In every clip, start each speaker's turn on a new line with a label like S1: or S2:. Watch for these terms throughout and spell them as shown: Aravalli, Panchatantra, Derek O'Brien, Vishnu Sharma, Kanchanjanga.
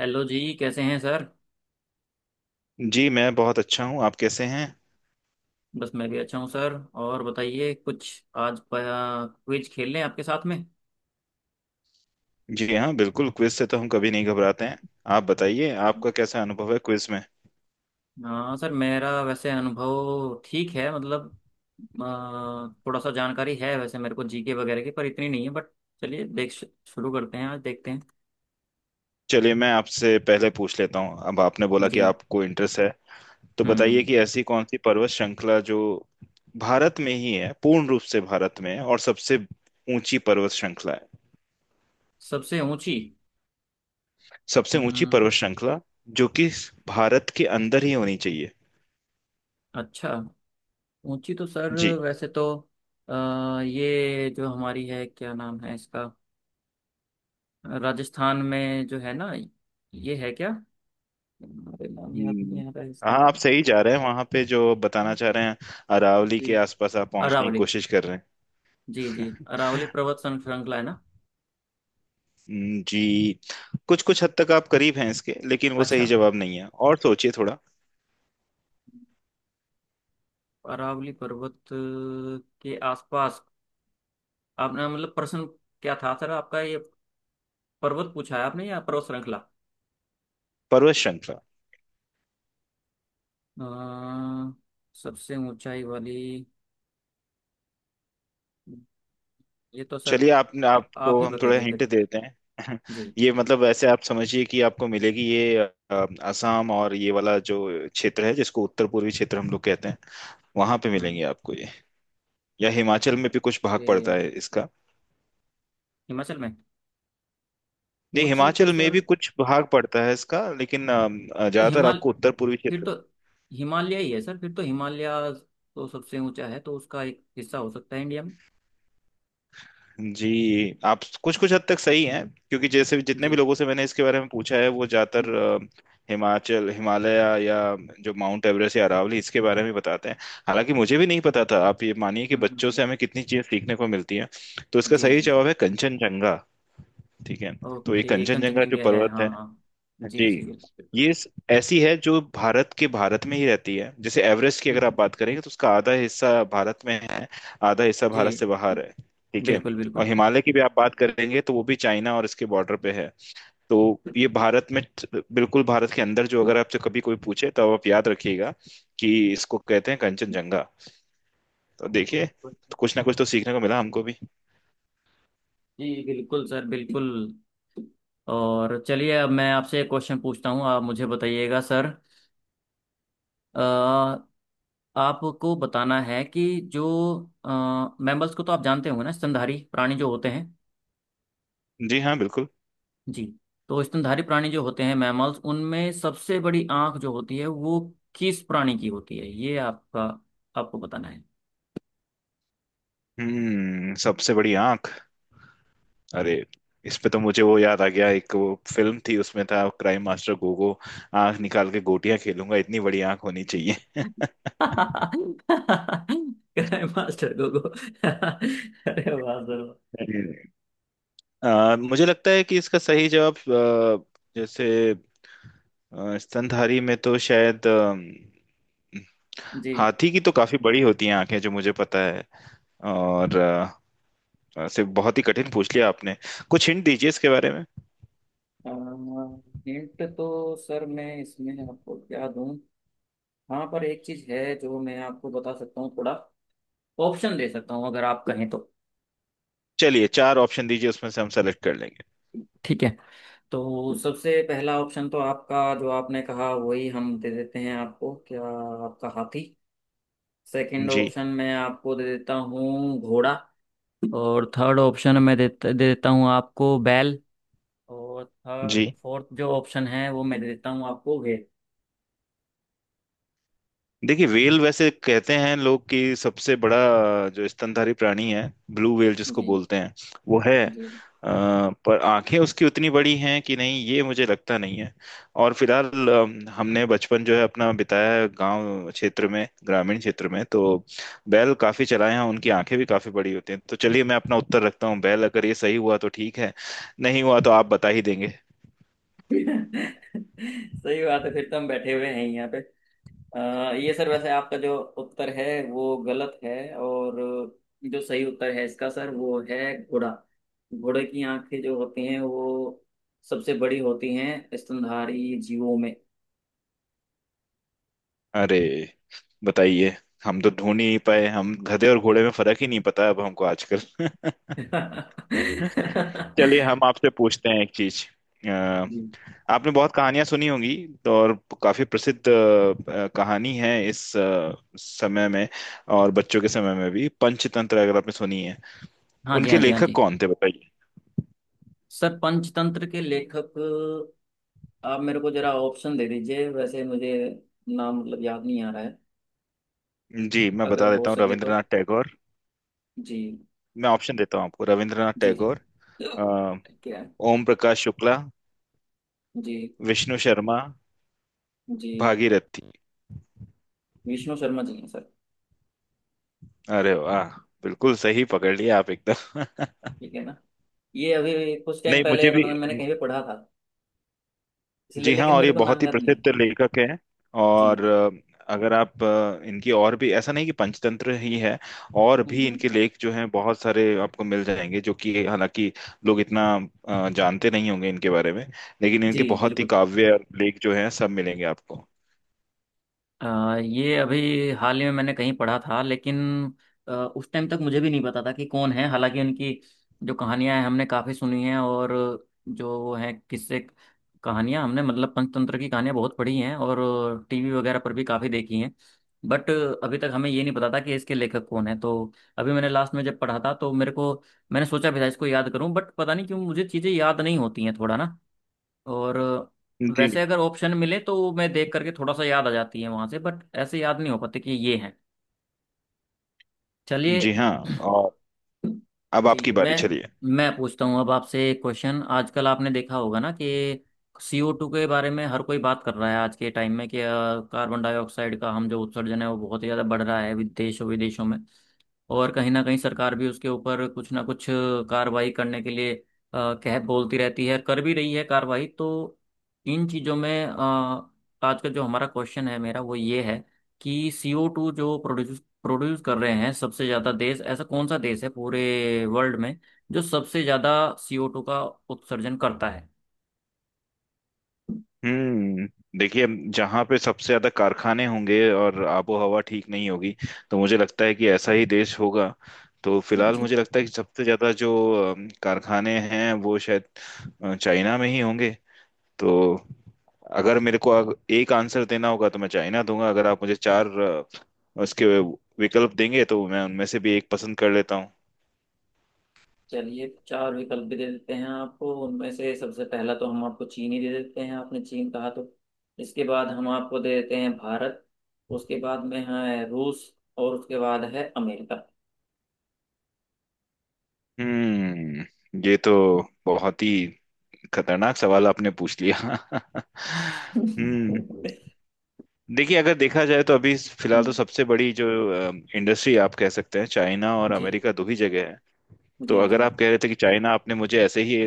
S1: Hello जी, कैसे हैं सर।
S2: जी मैं बहुत अच्छा हूँ। आप कैसे हैं?
S1: बस मैं भी अच्छा हूँ सर। और बताइए, कुछ आज क्विज खेल लें आपके साथ में।
S2: जी हाँ, बिल्कुल। क्विज से तो हम कभी नहीं घबराते हैं। आप बताइए, आपका कैसा अनुभव है क्विज में?
S1: हाँ सर, मेरा वैसे अनुभव ठीक है, मतलब थोड़ा सा जानकारी है वैसे मेरे को जीके वगैरह की, पर इतनी नहीं है बट चलिए देख शुरू करते हैं, आज देखते हैं।
S2: चलिए, मैं आपसे पहले पूछ लेता हूँ। अब आपने बोला
S1: जी।
S2: कि आपको इंटरेस्ट है। तो बताइए
S1: हम्म।
S2: कि ऐसी कौन सी पर्वत श्रृंखला जो भारत में ही है, पूर्ण रूप से भारत में है, और सबसे ऊंची पर्वत श्रृंखला है?
S1: सबसे ऊंची।
S2: सबसे ऊंची
S1: हम्म।
S2: पर्वत श्रृंखला जो कि भारत के अंदर ही होनी चाहिए।
S1: अच्छा। ऊंची तो सर
S2: जी।
S1: वैसे तो ये जो हमारी है, क्या नाम है इसका, राजस्थान में जो है ना, ये है क्या? अरे नाम याद
S2: हम्म,
S1: नहीं आ रहा है इसका।
S2: हाँ, आप सही जा रहे हैं वहां पे जो बताना चाह रहे हैं। अरावली
S1: जी।
S2: के आसपास आप पहुंचने की
S1: अरावली।
S2: कोशिश कर रहे
S1: जी जी।
S2: हैं।
S1: अरावली पर्वत श्रृंखला है ना?
S2: जी। कुछ कुछ हद तक आप करीब हैं इसके, लेकिन वो
S1: अच्छा।
S2: सही जवाब नहीं है। और सोचिए थोड़ा।
S1: अरावली पर्वत के आसपास? आपने मतलब प्रश्न क्या था सर आपका ये, पर्वत पूछा है आपने या पर्वत श्रृंखला?
S2: पर्वत श्रृंखला।
S1: अ, सबसे ऊंचाई वाली? ये तो सर
S2: चलिए, आप
S1: आप
S2: आपको
S1: ही
S2: हम थोड़ा
S1: बताइए
S2: हिंट
S1: फिर।
S2: देते हैं।
S1: जी।
S2: ये मतलब ऐसे आप समझिए कि आपको मिलेगी ये। असम और ये वाला जो क्षेत्र है, जिसको उत्तर पूर्वी क्षेत्र हम लोग कहते हैं, वहां पे
S1: हम्म।
S2: मिलेंगे आपको ये। या हिमाचल में भी कुछ भाग पड़ता
S1: ये
S2: है इसका।
S1: हिमाचल में?
S2: नहीं,
S1: ऊंची तो
S2: हिमाचल में
S1: सर,
S2: भी कुछ भाग पड़ता है इसका, लेकिन
S1: तो
S2: ज्यादातर
S1: हिमाल,
S2: आपको उत्तर पूर्वी
S1: फिर
S2: क्षेत्र।
S1: तो हिमालय ही है सर, फिर तो हिमालय तो सबसे ऊंचा है, तो उसका एक हिस्सा हो सकता है इंडिया में।
S2: जी। आप कुछ कुछ हद तक सही हैं, क्योंकि जैसे जितने भी
S1: जी।
S2: लोगों से मैंने इसके बारे में पूछा है वो ज्यादातर
S1: हम्म।
S2: हिमाचल, हिमालय, या जो माउंट एवरेस्ट या अरावली, इसके बारे में बताते हैं। हालांकि मुझे भी नहीं पता था। आप ये मानिए कि
S1: हम्म,
S2: बच्चों
S1: हम्म,
S2: से हमें कितनी चीजें सीखने को मिलती हैं। तो इसका
S1: जी
S2: सही
S1: जी
S2: जवाब
S1: जी।
S2: है कंचनजंगा। ठीक है। तो ये
S1: ओके,
S2: कंचनजंगा जो
S1: कंचनजंगा है,
S2: पर्वत
S1: हाँ
S2: है।
S1: हाँ।
S2: जी।
S1: जी जी।
S2: ये ऐसी है जो भारत में ही रहती है। जैसे एवरेस्ट की अगर आप बात करेंगे तो उसका आधा हिस्सा भारत में है। आधा हिस्सा भारत से बाहर है। ठीक है।
S1: बिल्कुल
S2: और
S1: बिल्कुल
S2: हिमालय की भी आप बात करेंगे तो वो भी चाइना और इसके बॉर्डर पे है। तो
S1: बिल्कुल।
S2: ये भारत में, बिल्कुल भारत के अंदर जो,
S1: हम्म,
S2: अगर आपसे कभी कोई पूछे तो आप याद रखिएगा कि इसको कहते हैं कंचनजंगा। तो देखिए, तो कुछ ना कुछ तो सीखने को मिला हमको भी।
S1: जी बिल्कुल बिल्कुल, जी बिल्कुल सर, बिल्कुल। और चलिए अब मैं आपसे एक क्वेश्चन पूछता हूँ, आप मुझे बताइएगा सर। आपको बताना है कि जो मैमल्स को तो आप जानते होंगे ना, स्तनधारी प्राणी जो होते हैं।
S2: जी हाँ, बिल्कुल।
S1: जी। तो स्तनधारी प्राणी जो होते हैं मैमल्स, उनमें सबसे बड़ी आंख जो होती है वो किस प्राणी की होती है, ये आपका, आपको बताना है।
S2: सबसे बड़ी आंख। अरे, इस पे तो मुझे वो याद आ गया। एक वो फिल्म थी उसमें था क्राइम मास्टर गोगो। आंख निकाल के गोटियां खेलूंगा, इतनी बड़ी आंख होनी चाहिए।
S1: मास्टर गोगो अरे वाह सर वाह।
S2: मुझे लगता है कि इसका सही जवाब, जैसे, स्तनधारी में तो शायद,
S1: जी।
S2: हाथी की तो काफी बड़ी होती हैं आंखें जो मुझे पता है। और ऐसे बहुत ही कठिन पूछ लिया आपने। कुछ हिंट दीजिए इसके बारे में।
S1: हिंट तो सर मैं इसमें आपको क्या दूं, हाँ पर एक चीज है जो मैं आपको बता सकता हूँ, थोड़ा ऑप्शन दे सकता हूँ अगर आप कहें तो।
S2: चलिए, चार ऑप्शन दीजिए, उसमें से हम सेलेक्ट कर लेंगे।
S1: ठीक है। तो सबसे पहला ऑप्शन तो आपका जो आपने कहा वही हम दे देते हैं आपको, क्या आपका हाथी। सेकंड
S2: जी।
S1: ऑप्शन मैं आपको दे देता हूँ घोड़ा। और थर्ड ऑप्शन मैं दे, दे देता हूँ आपको बैल। और थर्ड
S2: जी।
S1: फोर्थ जो ऑप्शन है वो मैं दे देता हूँ आपको भेड़।
S2: देखिए, व्हेल वैसे कहते हैं लोग कि सबसे बड़ा जो स्तनधारी प्राणी है, ब्लू व्हेल जिसको
S1: जी
S2: बोलते हैं, वो है।
S1: जी।
S2: अ, पर आंखें उसकी उतनी बड़ी हैं कि नहीं, ये मुझे लगता नहीं है। और फिलहाल, हमने बचपन जो है अपना बिताया है गांव क्षेत्र में, ग्रामीण क्षेत्र में, तो बैल काफी चलाए हैं, उनकी आंखें भी काफी बड़ी होती हैं। तो चलिए, मैं अपना उत्तर रखता हूँ बैल। अगर ये सही हुआ तो ठीक है, नहीं हुआ तो आप बता ही देंगे।
S1: सही बात है, फिर तो हम बैठे हुए हैं यहाँ पे। अ, ये सर वैसे आपका जो उत्तर है वो गलत है। और जो सही उत्तर है इसका सर वो है घोड़ा। घोड़े की आंखें जो होती हैं वो सबसे बड़ी होती हैं स्तनधारी जीवों में।
S2: अरे, बताइए। हम तो ढूंढ ही नहीं पाए, हम गधे और घोड़े में फर्क ही नहीं पता अब हमको आजकल।
S1: जी।
S2: चलिए, हम आपसे पूछते हैं एक चीज। अ, आपने बहुत कहानियां सुनी होंगी तो। और काफी प्रसिद्ध कहानी है इस समय में और बच्चों के समय में भी, पंचतंत्र अगर आपने सुनी है।
S1: हाँ जी,
S2: उनके
S1: हाँ जी, हाँ
S2: लेखक
S1: जी।
S2: कौन थे बताइए?
S1: सर पंचतंत्र के लेखक, आप मेरे को जरा ऑप्शन दे दीजिए वैसे, मुझे नाम मतलब याद नहीं आ रहा है।
S2: जी, मैं
S1: अगर
S2: बता
S1: हो
S2: देता हूँ,
S1: सके तो।
S2: रविंद्रनाथ टैगोर।
S1: जी
S2: मैं ऑप्शन देता हूँ आपको, रविंद्रनाथ
S1: जी जी।
S2: टैगोर, अ,
S1: क्या।
S2: ओम प्रकाश शुक्ला,
S1: जी
S2: विष्णु शर्मा,
S1: जी।
S2: भागीरथी।
S1: विष्णु शर्मा जी हैं सर।
S2: अरे वाह! बिल्कुल सही पकड़ लिया आप एकदम।
S1: ठीक है ना, ये अभी कुछ टाइम
S2: नहीं,
S1: पहले
S2: मुझे भी।
S1: पता नहीं मैंने कहीं पे पढ़ा था इसलिए,
S2: जी हाँ,
S1: लेकिन
S2: और ये
S1: मेरे को नाम
S2: बहुत ही
S1: याद नहीं आ रहा।
S2: प्रसिद्ध लेखक हैं।
S1: जी
S2: और
S1: जी।
S2: अगर आप इनकी, और भी, ऐसा नहीं कि पंचतंत्र ही है, और
S1: हम्म,
S2: भी
S1: हम्म।
S2: इनके लेख जो हैं बहुत सारे आपको मिल जाएंगे, जो कि हालांकि लोग इतना जानते नहीं होंगे इनके बारे में, लेकिन
S1: जी
S2: इनके बहुत ही
S1: बिल्कुल।
S2: काव्य और लेख जो हैं सब मिलेंगे आपको।
S1: ये अभी हाल ही में मैंने कहीं पढ़ा था, लेकिन उस टाइम तक मुझे भी नहीं पता था कि कौन है, हालांकि उनकी जो कहानियां हैं हमने काफ़ी सुनी हैं। और जो वो हैं किस्से कहानियां, हमने मतलब पंचतंत्र की कहानियां बहुत पढ़ी हैं और टीवी वगैरह पर भी काफ़ी देखी हैं, बट अभी तक हमें ये नहीं पता था कि इसके लेखक कौन है। तो अभी मैंने लास्ट में जब पढ़ा था तो मेरे को, मैंने सोचा भी था इसको याद करूं, बट पता नहीं क्यों मुझे चीज़ें याद नहीं होती हैं थोड़ा ना। और वैसे
S2: जी
S1: अगर ऑप्शन मिले तो मैं देख करके थोड़ा सा याद आ जाती है वहां से, बट ऐसे याद नहीं हो पाते कि ये है। चलिए।
S2: जी हाँ, और अब आपकी
S1: जी मैं
S2: बारी। चलिए।
S1: मैं पूछता हूँ अब आपसे एक क्वेश्चन, आजकल आपने देखा होगा ना कि सीओ टू के बारे में हर कोई बात कर रहा है आज के टाइम में, कि कार्बन डाइऑक्साइड का हम जो उत्सर्जन है वो बहुत ही ज़्यादा बढ़ रहा है विदेशों विदेशों में। और कहीं ना कहीं सरकार भी उसके ऊपर कुछ ना कुछ कार्रवाई करने के लिए कह बोलती रहती है, कर भी रही है कार्रवाई। तो इन चीज़ों में आज का जो हमारा क्वेश्चन है मेरा वो ये है कि सीओ टू जो प्रोड्यूस प्रोड्यूस कर रहे हैं सबसे ज्यादा देश, ऐसा कौन सा देश है पूरे वर्ल्ड में जो सबसे ज्यादा CO2 का उत्सर्जन करता है?
S2: हम्म देखिए, जहाँ पे सबसे ज्यादा कारखाने होंगे और आबो हवा ठीक नहीं होगी, तो मुझे लगता है कि ऐसा ही देश होगा। तो फिलहाल
S1: जी।
S2: मुझे लगता है कि सबसे ज्यादा जो कारखाने हैं, वो शायद चाइना में ही होंगे। तो अगर मेरे को एक आंसर देना होगा तो मैं चाइना दूंगा। अगर आप मुझे चार उसके विकल्प देंगे तो मैं उनमें से भी एक पसंद कर लेता हूँ।
S1: चलिए चार विकल्प भी दे देते हैं आपको, उनमें से सबसे पहला तो हम आपको चीन ही दे देते हैं, आपने चीन कहा तो। इसके बाद हम आपको दे देते हैं भारत। उसके बाद में है रूस। और उसके बाद है अमेरिका।
S2: हम्म ये तो बहुत ही खतरनाक सवाल आपने पूछ लिया। हम्म देखिए, अगर देखा जाए तो अभी फिलहाल तो
S1: हम्म,
S2: सबसे बड़ी जो इंडस्ट्री आप कह सकते हैं, चाइना और
S1: जी
S2: अमेरिका, दो ही जगह है। तो
S1: जी जी।
S2: अगर आप कह रहे थे कि चाइना आपने मुझे ऐसे ही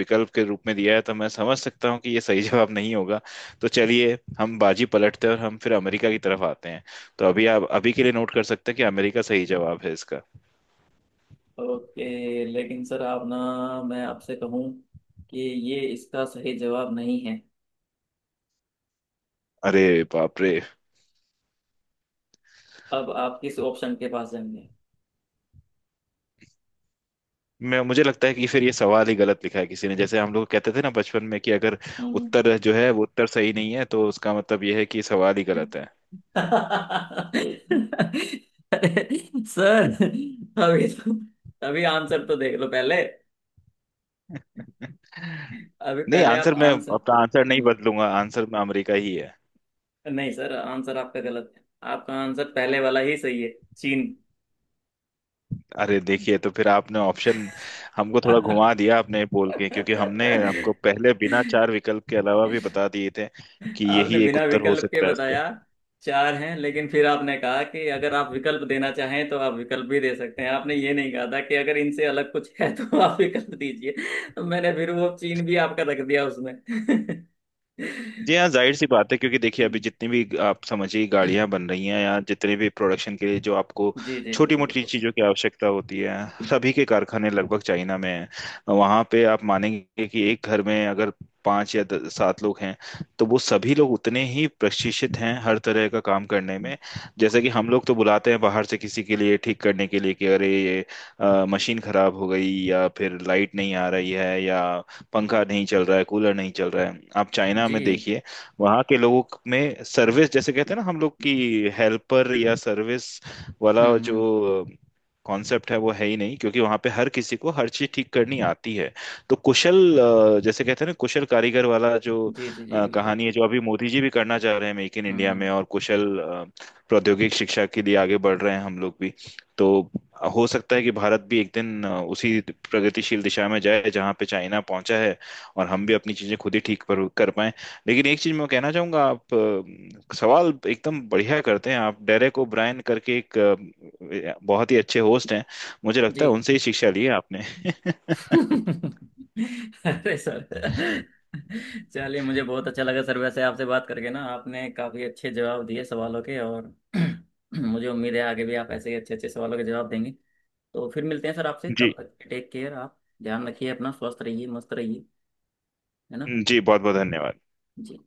S2: विकल्प के रूप में दिया है, तो मैं समझ सकता हूँ कि ये सही जवाब नहीं होगा। तो चलिए, हम बाजी पलटते हैं और हम फिर अमेरिका की तरफ आते हैं। तो अभी, आप अभी के लिए नोट कर सकते हैं कि अमेरिका सही जवाब है इसका।
S1: ओके, लेकिन सर आप ना, मैं आपसे कहूँ कि ये इसका सही जवाब नहीं है।
S2: अरे, बाप रे।
S1: अब आप किस ऑप्शन के पास जाएंगे?
S2: मैं मुझे लगता है कि फिर ये सवाल ही गलत लिखा है किसी ने, जैसे हम लोग कहते थे ना बचपन में, कि अगर
S1: हम्म।
S2: उत्तर जो है वो उत्तर सही नहीं है, तो उसका मतलब ये है कि सवाल ही गलत है।
S1: अरे सर अभी तो, अभी आंसर तो देख लो पहले, अभी
S2: नहीं,
S1: पहले आप
S2: आंसर मैं
S1: आंसर।
S2: अपना आंसर नहीं
S1: हम्म।
S2: बदलूंगा। आंसर में अमेरिका ही है।
S1: नहीं सर, आंसर आपका गलत है। आपका आंसर पहले वाला ही सही है, चीन।
S2: अरे देखिए, तो फिर आपने ऑप्शन हमको थोड़ा
S1: आपने
S2: घुमा दिया आपने बोल के, क्योंकि हमने आपको पहले बिना चार विकल्प के, अलावा भी बता दिए थे कि यही एक
S1: बिना
S2: उत्तर हो
S1: विकल्प के
S2: सकता
S1: बताया,
S2: है।
S1: चार हैं, लेकिन फिर आपने कहा कि अगर आप विकल्प देना चाहें तो आप विकल्प भी दे सकते हैं। आपने ये नहीं कहा था कि अगर इनसे अलग कुछ है तो आप विकल्प दीजिए। तो मैंने फिर वो चीन भी आपका रख दिया उसमें।
S2: जी हाँ, जाहिर सी बात है, क्योंकि देखिए अभी जितनी भी आप समझिए गाड़ियां बन रही हैं, या जितने भी प्रोडक्शन के लिए जो आपको
S1: जी जी
S2: छोटी
S1: बिल्कुल
S2: मोटी
S1: बिल्कुल।
S2: चीजों की आवश्यकता होती है, सभी के कारखाने लगभग चाइना में हैं। वहां पे आप मानेंगे कि एक घर में अगर पांच या सात लोग हैं, तो वो सभी लोग उतने ही प्रशिक्षित हैं हर तरह का काम करने में। जैसे कि हम लोग तो बुलाते हैं बाहर से किसी के लिए ठीक करने के लिए कि अरे ये मशीन खराब हो गई, या फिर लाइट नहीं आ रही है, या पंखा नहीं चल रहा है, कूलर नहीं चल रहा है। आप चाइना
S1: जी।
S2: में देखिए, वहाँ के लोगों में सर्विस, जैसे कहते हैं ना हम लोग की, हेल्पर या सर्विस वाला
S1: हम्म।
S2: जो कॉन्सेप्ट है, वो है ही नहीं, क्योंकि वहां पे हर किसी को हर चीज ठीक करनी आती है। तो कुशल, जैसे कहते हैं ना कुशल कारीगर वाला जो
S1: जी जी जी बिल्कुल।
S2: कहानी है, जो अभी मोदी जी भी करना चाह रहे हैं मेक इन इंडिया में,
S1: हम्म।
S2: और कुशल प्रौद्योगिक शिक्षा के लिए आगे बढ़ रहे हैं हम लोग भी। तो हो सकता है कि भारत भी एक दिन उसी प्रगतिशील दिशा में जाए जहां पे चाइना पहुंचा है, और हम भी अपनी चीजें खुद ही ठीक पर कर पाए। लेकिन एक चीज मैं कहना चाहूंगा, आप सवाल एकदम बढ़िया करते हैं। आप डेरेक ओब्रायन करके एक बहुत ही अच्छे होस्ट हैं। मुझे
S1: जी।
S2: लगता है उनसे ही शिक्षा ली है आपने।
S1: अरे सर चलिए, मुझे बहुत अच्छा लगा सर वैसे आपसे बात करके ना, आपने काफ़ी अच्छे जवाब दिए सवालों के। और मुझे उम्मीद है आगे भी आप ऐसे ही अच्छे अच्छे सवालों के जवाब देंगे। तो फिर मिलते हैं सर आपसे,
S2: जी।
S1: तब तक टेक केयर आप। ध्यान रखिए अपना, स्वस्थ रहिए, मस्त रहिए, है ना?
S2: जी, बहुत बहुत धन्यवाद।
S1: जी।